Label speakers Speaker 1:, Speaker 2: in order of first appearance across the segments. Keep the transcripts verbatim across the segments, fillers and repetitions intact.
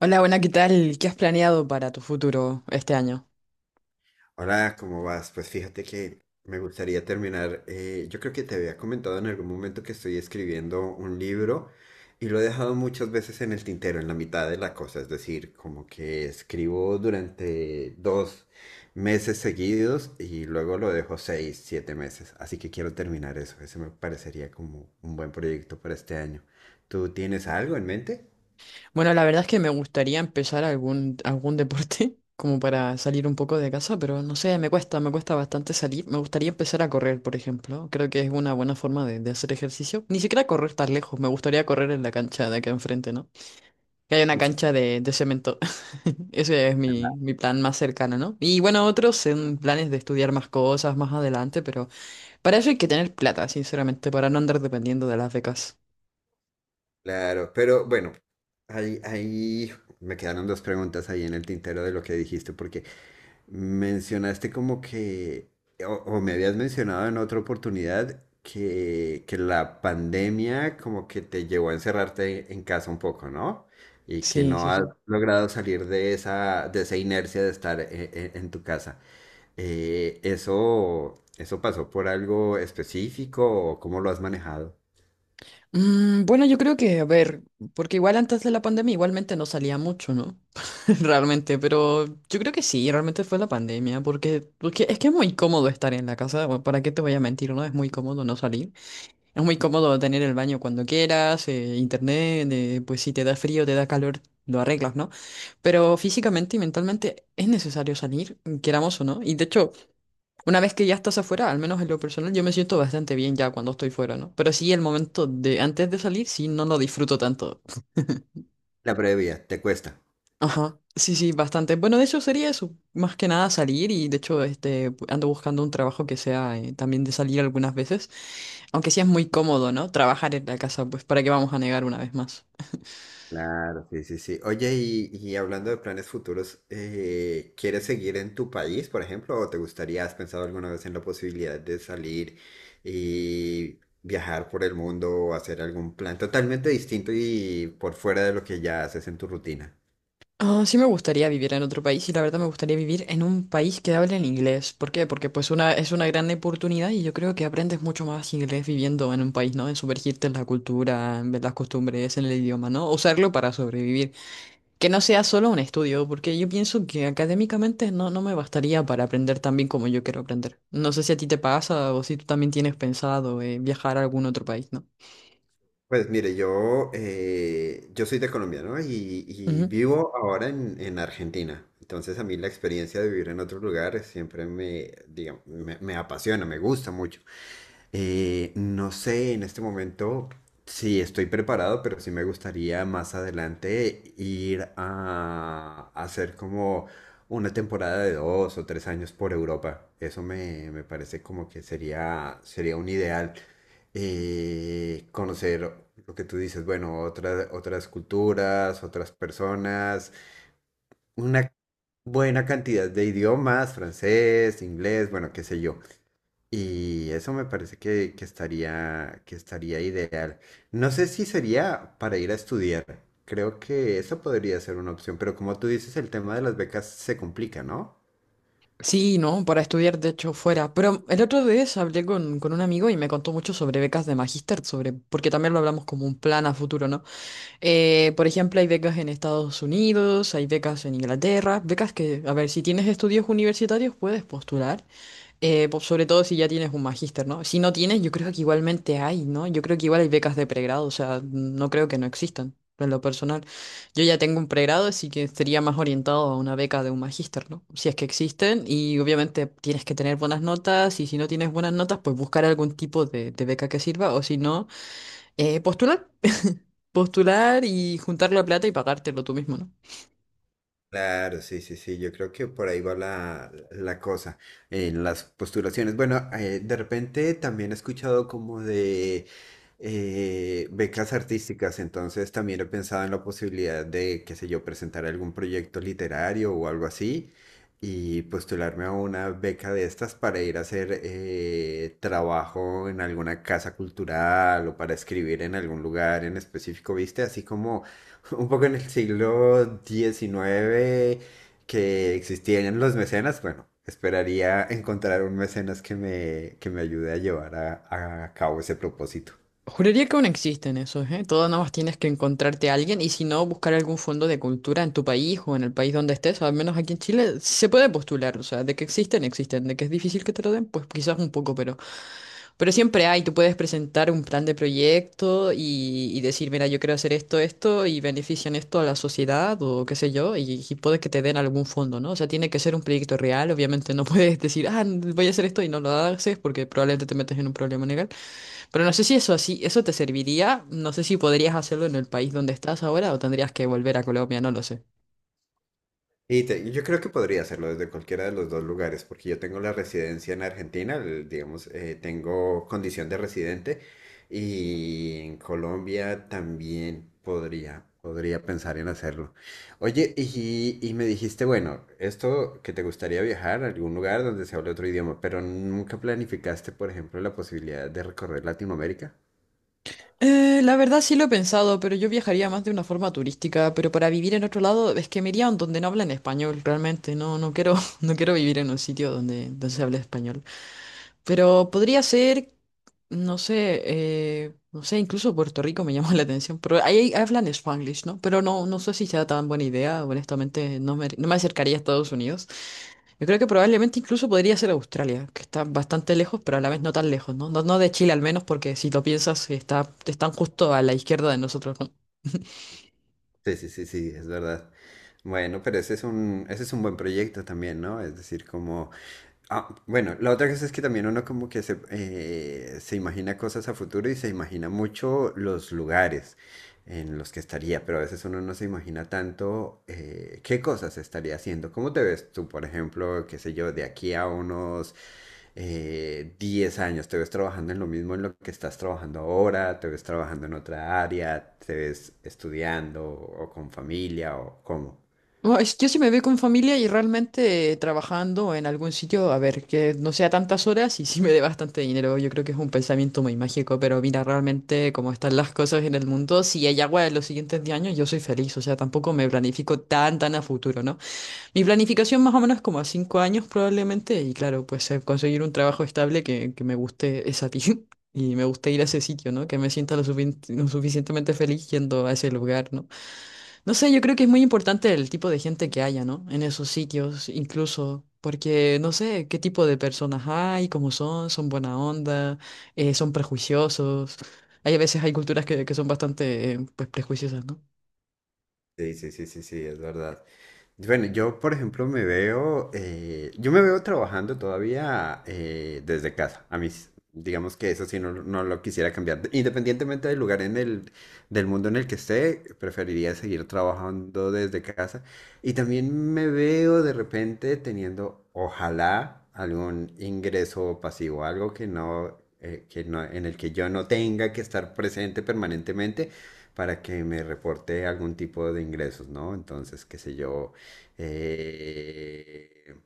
Speaker 1: Hola, buena, ¿qué tal? ¿Qué has planeado para tu futuro este año?
Speaker 2: Hola, ¿cómo vas? Pues fíjate que me gustaría terminar, eh, yo creo que te había comentado en algún momento que estoy escribiendo un libro y lo he dejado muchas veces en el tintero, en la mitad de la cosa. Es decir, como que escribo durante dos meses seguidos y luego lo dejo seis, siete meses. Así que quiero terminar eso. Ese me parecería como un buen proyecto para este año. ¿Tú tienes algo en mente?
Speaker 1: Bueno, la verdad es que me gustaría empezar algún, algún deporte, como para salir un poco de casa, pero no sé, me cuesta, me cuesta bastante salir. Me gustaría empezar a correr, por ejemplo. Creo que es una buena forma de, de hacer ejercicio. Ni siquiera correr tan lejos, me gustaría correr en la cancha de acá enfrente, ¿no? Que haya una cancha de, de cemento. Ese es mi, mi plan más cercano, ¿no? Y bueno, otros son planes de estudiar más cosas más adelante, pero para eso hay que tener plata, sinceramente, para no andar dependiendo de las becas.
Speaker 2: Claro, pero bueno, ahí, ahí me quedaron dos preguntas ahí en el tintero de lo que dijiste, porque mencionaste como que, o, o me habías mencionado en otra oportunidad, que, que la pandemia como que te llevó a encerrarte en casa un poco, ¿no? Y que
Speaker 1: Sí,
Speaker 2: no
Speaker 1: sí,
Speaker 2: has
Speaker 1: sí.
Speaker 2: logrado salir de esa, de esa inercia de estar e- e- en tu casa. Eh, ¿eso, eso pasó por algo específico o cómo lo has manejado?
Speaker 1: Mm, bueno, yo creo que, a ver, porque igual antes de la pandemia igualmente no salía mucho, ¿no? Realmente, pero yo creo que sí, realmente fue la pandemia, porque, porque es que es muy cómodo estar en la casa, bueno, ¿para qué te voy a mentir, no? Es muy cómodo no salir. Es muy cómodo tener el baño cuando quieras, eh, internet, eh, pues si te da frío, te da calor, lo arreglas, ¿no? Pero físicamente y mentalmente es necesario salir, queramos o no. Y de hecho, una vez que ya estás afuera, al menos en lo personal, yo me siento bastante bien ya cuando estoy fuera, ¿no? Pero sí, el momento de antes de salir, sí, no lo disfruto tanto.
Speaker 2: La previa, ¿te cuesta?
Speaker 1: Ajá, sí, sí, bastante. Bueno, de hecho sería eso, más que nada salir y de hecho este, pu- ando buscando un trabajo que sea eh, también de salir algunas veces, aunque sí es muy cómodo, ¿no? Trabajar en la casa, pues para qué vamos a negar una vez más.
Speaker 2: Claro, sí, sí, sí. Oye, y, y hablando de planes futuros, eh, ¿quieres seguir en tu país, por ejemplo, o te gustaría, has pensado alguna vez en la posibilidad de salir y viajar por el mundo o hacer algún plan totalmente distinto y por fuera de lo que ya haces en tu rutina?
Speaker 1: Ah, sí me gustaría vivir en otro país y la verdad me gustaría vivir en un país que hable en inglés. ¿Por qué? Porque pues una, es una gran oportunidad y yo creo que aprendes mucho más inglés viviendo en un país, ¿no? En sumergirte en la cultura, en ver las costumbres, en el idioma, ¿no? Usarlo para sobrevivir. Que no sea solo un estudio, porque yo pienso que académicamente no, no me bastaría para aprender tan bien como yo quiero aprender. No sé si a ti te pasa o si tú también tienes pensado eh, viajar a algún otro país, ¿no?
Speaker 2: Pues mire, yo, eh, yo soy de Colombia, ¿no? Y, y vivo ahora en, en Argentina. Entonces a mí la experiencia de vivir en otro lugar siempre me, digamos, me, me apasiona, me gusta mucho. Eh, no sé en este momento si estoy preparado, pero sí me gustaría más adelante ir a, a hacer como una temporada de dos o tres años por Europa. Eso me, me parece como que sería, sería un ideal y conocer lo que tú dices, bueno, otras, otras culturas, otras personas, una buena cantidad de idiomas, francés, inglés, bueno, qué sé yo. Y eso me parece que, que estaría, que estaría ideal. No sé si sería para ir a estudiar. Creo que eso podría ser una opción, pero como tú dices, el tema de las becas se complica, ¿no?
Speaker 1: Sí, ¿no? Para estudiar, de hecho, fuera. Pero el otro vez hablé con, con un amigo y me contó mucho sobre becas de magíster, sobre, porque también lo hablamos como un plan a futuro, ¿no? Eh, por ejemplo, hay becas en Estados Unidos, hay becas en Inglaterra, becas que, a ver, si tienes estudios universitarios puedes postular. Eh, po- sobre todo si ya tienes un magíster, ¿no? Si no tienes, yo creo que igualmente hay, ¿no? Yo creo que igual hay becas de pregrado, o sea, no creo que no existan, en lo personal. Yo ya tengo un pregrado, así que sería más orientado a una beca de un magíster, ¿no? Si es que existen, y obviamente tienes que tener buenas notas, y si no tienes buenas notas, pues buscar algún tipo de, de beca que sirva, o si no, eh, postular, postular y juntar la plata y pagártelo tú mismo, ¿no?
Speaker 2: Claro, sí, sí, sí, yo creo que por ahí va la, la cosa, en las postulaciones. Bueno, eh, de repente también he escuchado como de eh, becas artísticas, entonces también he pensado en la posibilidad de, qué sé yo, presentar algún proyecto literario o algo así y postularme a una beca de estas para ir a hacer eh, trabajo en alguna casa cultural o para escribir en algún lugar en específico, ¿viste? Así como un poco en el siglo diecinueve que existían los mecenas, bueno, esperaría encontrar un mecenas que me, que me ayude a llevar a, a cabo ese propósito.
Speaker 1: Juraría que aún existen esos, ¿eh? Todo nada más tienes que encontrarte a alguien y si no, buscar algún fondo de cultura en tu país o en el país donde estés, al menos aquí en Chile, se puede postular, o sea, de que existen, existen, de que es difícil que te lo den, pues quizás un poco, pero... Pero siempre hay, tú puedes presentar un plan de proyecto y, y decir, mira, yo quiero hacer esto, esto y benefician esto a la sociedad o qué sé yo, y, y puede que te den algún fondo, ¿no? O sea, tiene que ser un proyecto real, obviamente no puedes decir, ah, voy a hacer esto y no lo haces porque probablemente te metes en un problema legal. Pero no sé si eso así, eso te serviría. No sé si podrías hacerlo en el país donde estás ahora o tendrías que volver a Colombia, no lo sé.
Speaker 2: Y te- yo creo que podría hacerlo desde cualquiera de los dos lugares, porque yo tengo la residencia en Argentina, el- digamos, eh, tengo condición de residente y en Colombia también podría, podría pensar en hacerlo. Oye, y, y me dijiste, bueno, esto que te gustaría viajar a algún lugar donde se hable otro idioma, pero nunca planificaste, por ejemplo, la posibilidad de recorrer Latinoamérica.
Speaker 1: Eh, la verdad sí lo he pensado, pero yo viajaría más de una forma turística, pero para vivir en otro lado es que me iría a donde no hablan español, realmente. No, no quiero, no quiero vivir en un sitio donde, donde se hable español. Pero podría ser, no sé, eh, no sé, incluso Puerto Rico me llama la atención, pero ahí hablan Spanglish, ¿no? Pero no, no sé si sea tan buena idea, honestamente, no me, no me acercaría a Estados Unidos. Yo creo que probablemente incluso podría ser Australia, que está bastante lejos, pero a la vez no tan lejos, ¿no? No, no de Chile al menos, porque si lo piensas, está, están justo a la izquierda de nosotros, ¿no?
Speaker 2: Sí, sí, sí, sí, es verdad. Bueno, pero ese es un, ese es un buen proyecto también, ¿no? Es decir, como... Ah, bueno, la otra cosa es que también uno como que se, eh, se imagina cosas a futuro y se imagina mucho los lugares en los que estaría, pero a veces uno no se imagina tanto eh, qué cosas estaría haciendo. ¿Cómo te ves tú, por ejemplo, qué sé yo, de aquí a unos eh, diez años? ¿Te ves trabajando en lo mismo en lo que estás trabajando ahora? ¿Te ves trabajando en otra área? ¿Te ves estudiando o con familia o cómo?
Speaker 1: No, es- yo sí me veo con familia y realmente eh, trabajando en algún sitio, a ver, que no sea tantas horas y sí me dé bastante dinero. Yo creo que es un pensamiento muy mágico, pero mira, realmente como están las cosas en el mundo, si hay agua en los siguientes diez años, yo soy feliz, o sea, tampoco me planifico tan, tan a futuro, ¿no? Mi planificación más o menos es como a cinco años probablemente, y claro, pues eh, conseguir un trabajo estable que, que me guste esa y me guste ir a ese sitio, ¿no? Que me sienta lo, sufic- lo suficientemente feliz yendo a ese lugar, ¿no? No sé, yo creo que es muy importante el tipo de gente que haya, ¿no? En esos sitios, incluso, porque no sé qué tipo de personas hay, cómo son, son buena onda, eh, son prejuiciosos. Hay a veces hay culturas que, que son bastante, eh, pues, prejuiciosas, ¿no?
Speaker 2: Sí, sí, sí, sí, sí, es verdad. Bueno, yo, por ejemplo, me veo, eh, yo me veo trabajando todavía eh, desde casa. A mis digamos que eso sí no, no lo quisiera cambiar. Independientemente del lugar en el, del mundo en el que esté, preferiría seguir trabajando desde casa. Y también me veo de repente teniendo, ojalá, algún ingreso pasivo, algo que no, eh, que no, en el que yo no tenga que estar presente permanentemente para que me reporte algún tipo de ingresos, ¿no? Entonces, qué sé yo, eh,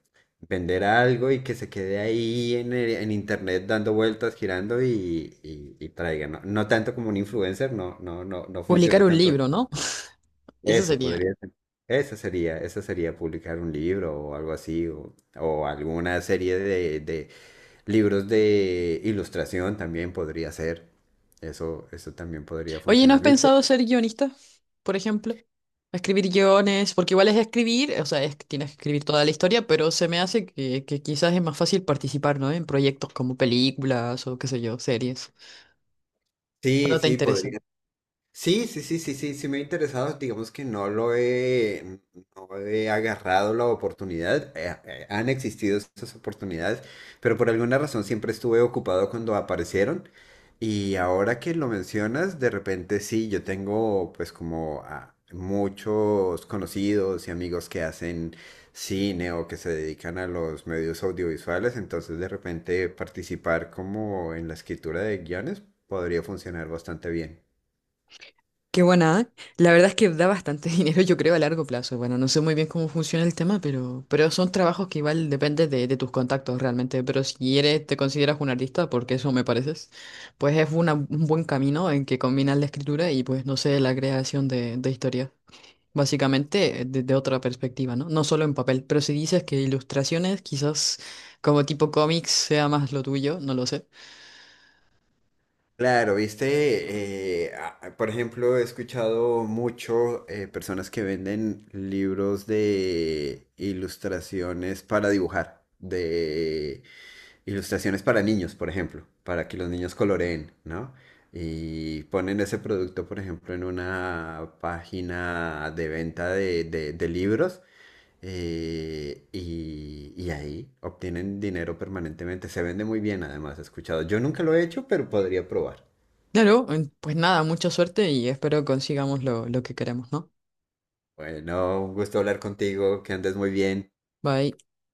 Speaker 2: vender algo y que se quede ahí en, el- en internet dando vueltas, girando y, y, y traiga, ¿no? No tanto como un influencer, no, no, no, no
Speaker 1: Publicar
Speaker 2: funciona
Speaker 1: un
Speaker 2: tanto.
Speaker 1: libro, ¿no? Eso
Speaker 2: Eso
Speaker 1: sería.
Speaker 2: podría ser. Esa sería, esa sería publicar un libro o algo así, o, o alguna serie de, de libros de ilustración también podría ser. Eso, eso también podría
Speaker 1: Oye, ¿no
Speaker 2: funcionar,
Speaker 1: has
Speaker 2: ¿viste?
Speaker 1: pensado ser guionista, por ejemplo? Escribir guiones, porque igual es escribir, o sea, es- que tienes que escribir toda la historia, pero se me hace que, que quizás es más fácil participar, ¿no? En proyectos como películas o qué sé yo, series. ¿O
Speaker 2: Sí,
Speaker 1: no te
Speaker 2: sí,
Speaker 1: interesa?
Speaker 2: podría. Sí, sí, sí, sí, sí, sí me ha interesado, digamos que no lo he, no he agarrado la oportunidad, eh, eh, han existido esas oportunidades, pero por alguna razón siempre estuve ocupado cuando aparecieron y ahora que lo mencionas, de repente sí, yo tengo pues como a muchos conocidos y amigos que hacen cine o que se dedican a los medios audiovisuales, entonces de repente participar como en la escritura de guiones podría funcionar bastante bien.
Speaker 1: Qué buena. ¿Eh? La verdad es que da bastante dinero, yo creo, a largo plazo. Bueno, no sé muy bien cómo funciona el tema, pero, pero son trabajos que igual depende de, de tus contactos realmente. Pero si eres, te consideras un artista, porque eso me pareces, pues es una- un buen camino en que combinas la escritura y pues, no sé, la creación de, de historias. Básicamente desde otra perspectiva, ¿no? No solo en papel, pero si dices que ilustraciones, quizás como tipo cómics sea más lo tuyo, no lo sé.
Speaker 2: Claro, viste, eh, a- por ejemplo, he escuchado mucho eh, personas que venden libros de ilustraciones para dibujar, de ilustraciones para niños, por ejemplo, para que los niños coloreen, ¿no? Y ponen ese producto, por ejemplo, en una página de venta de, de- de libros eh, y, y ahí obtienen dinero permanentemente. Se vende muy bien, además, he escuchado. Yo nunca lo he hecho, pero podría probar.
Speaker 1: Claro, eh, pues nada, mucha suerte y espero consigamos lo, lo que queremos, ¿no?
Speaker 2: Bueno, un gusto hablar contigo, que andes muy bien.
Speaker 1: Bye.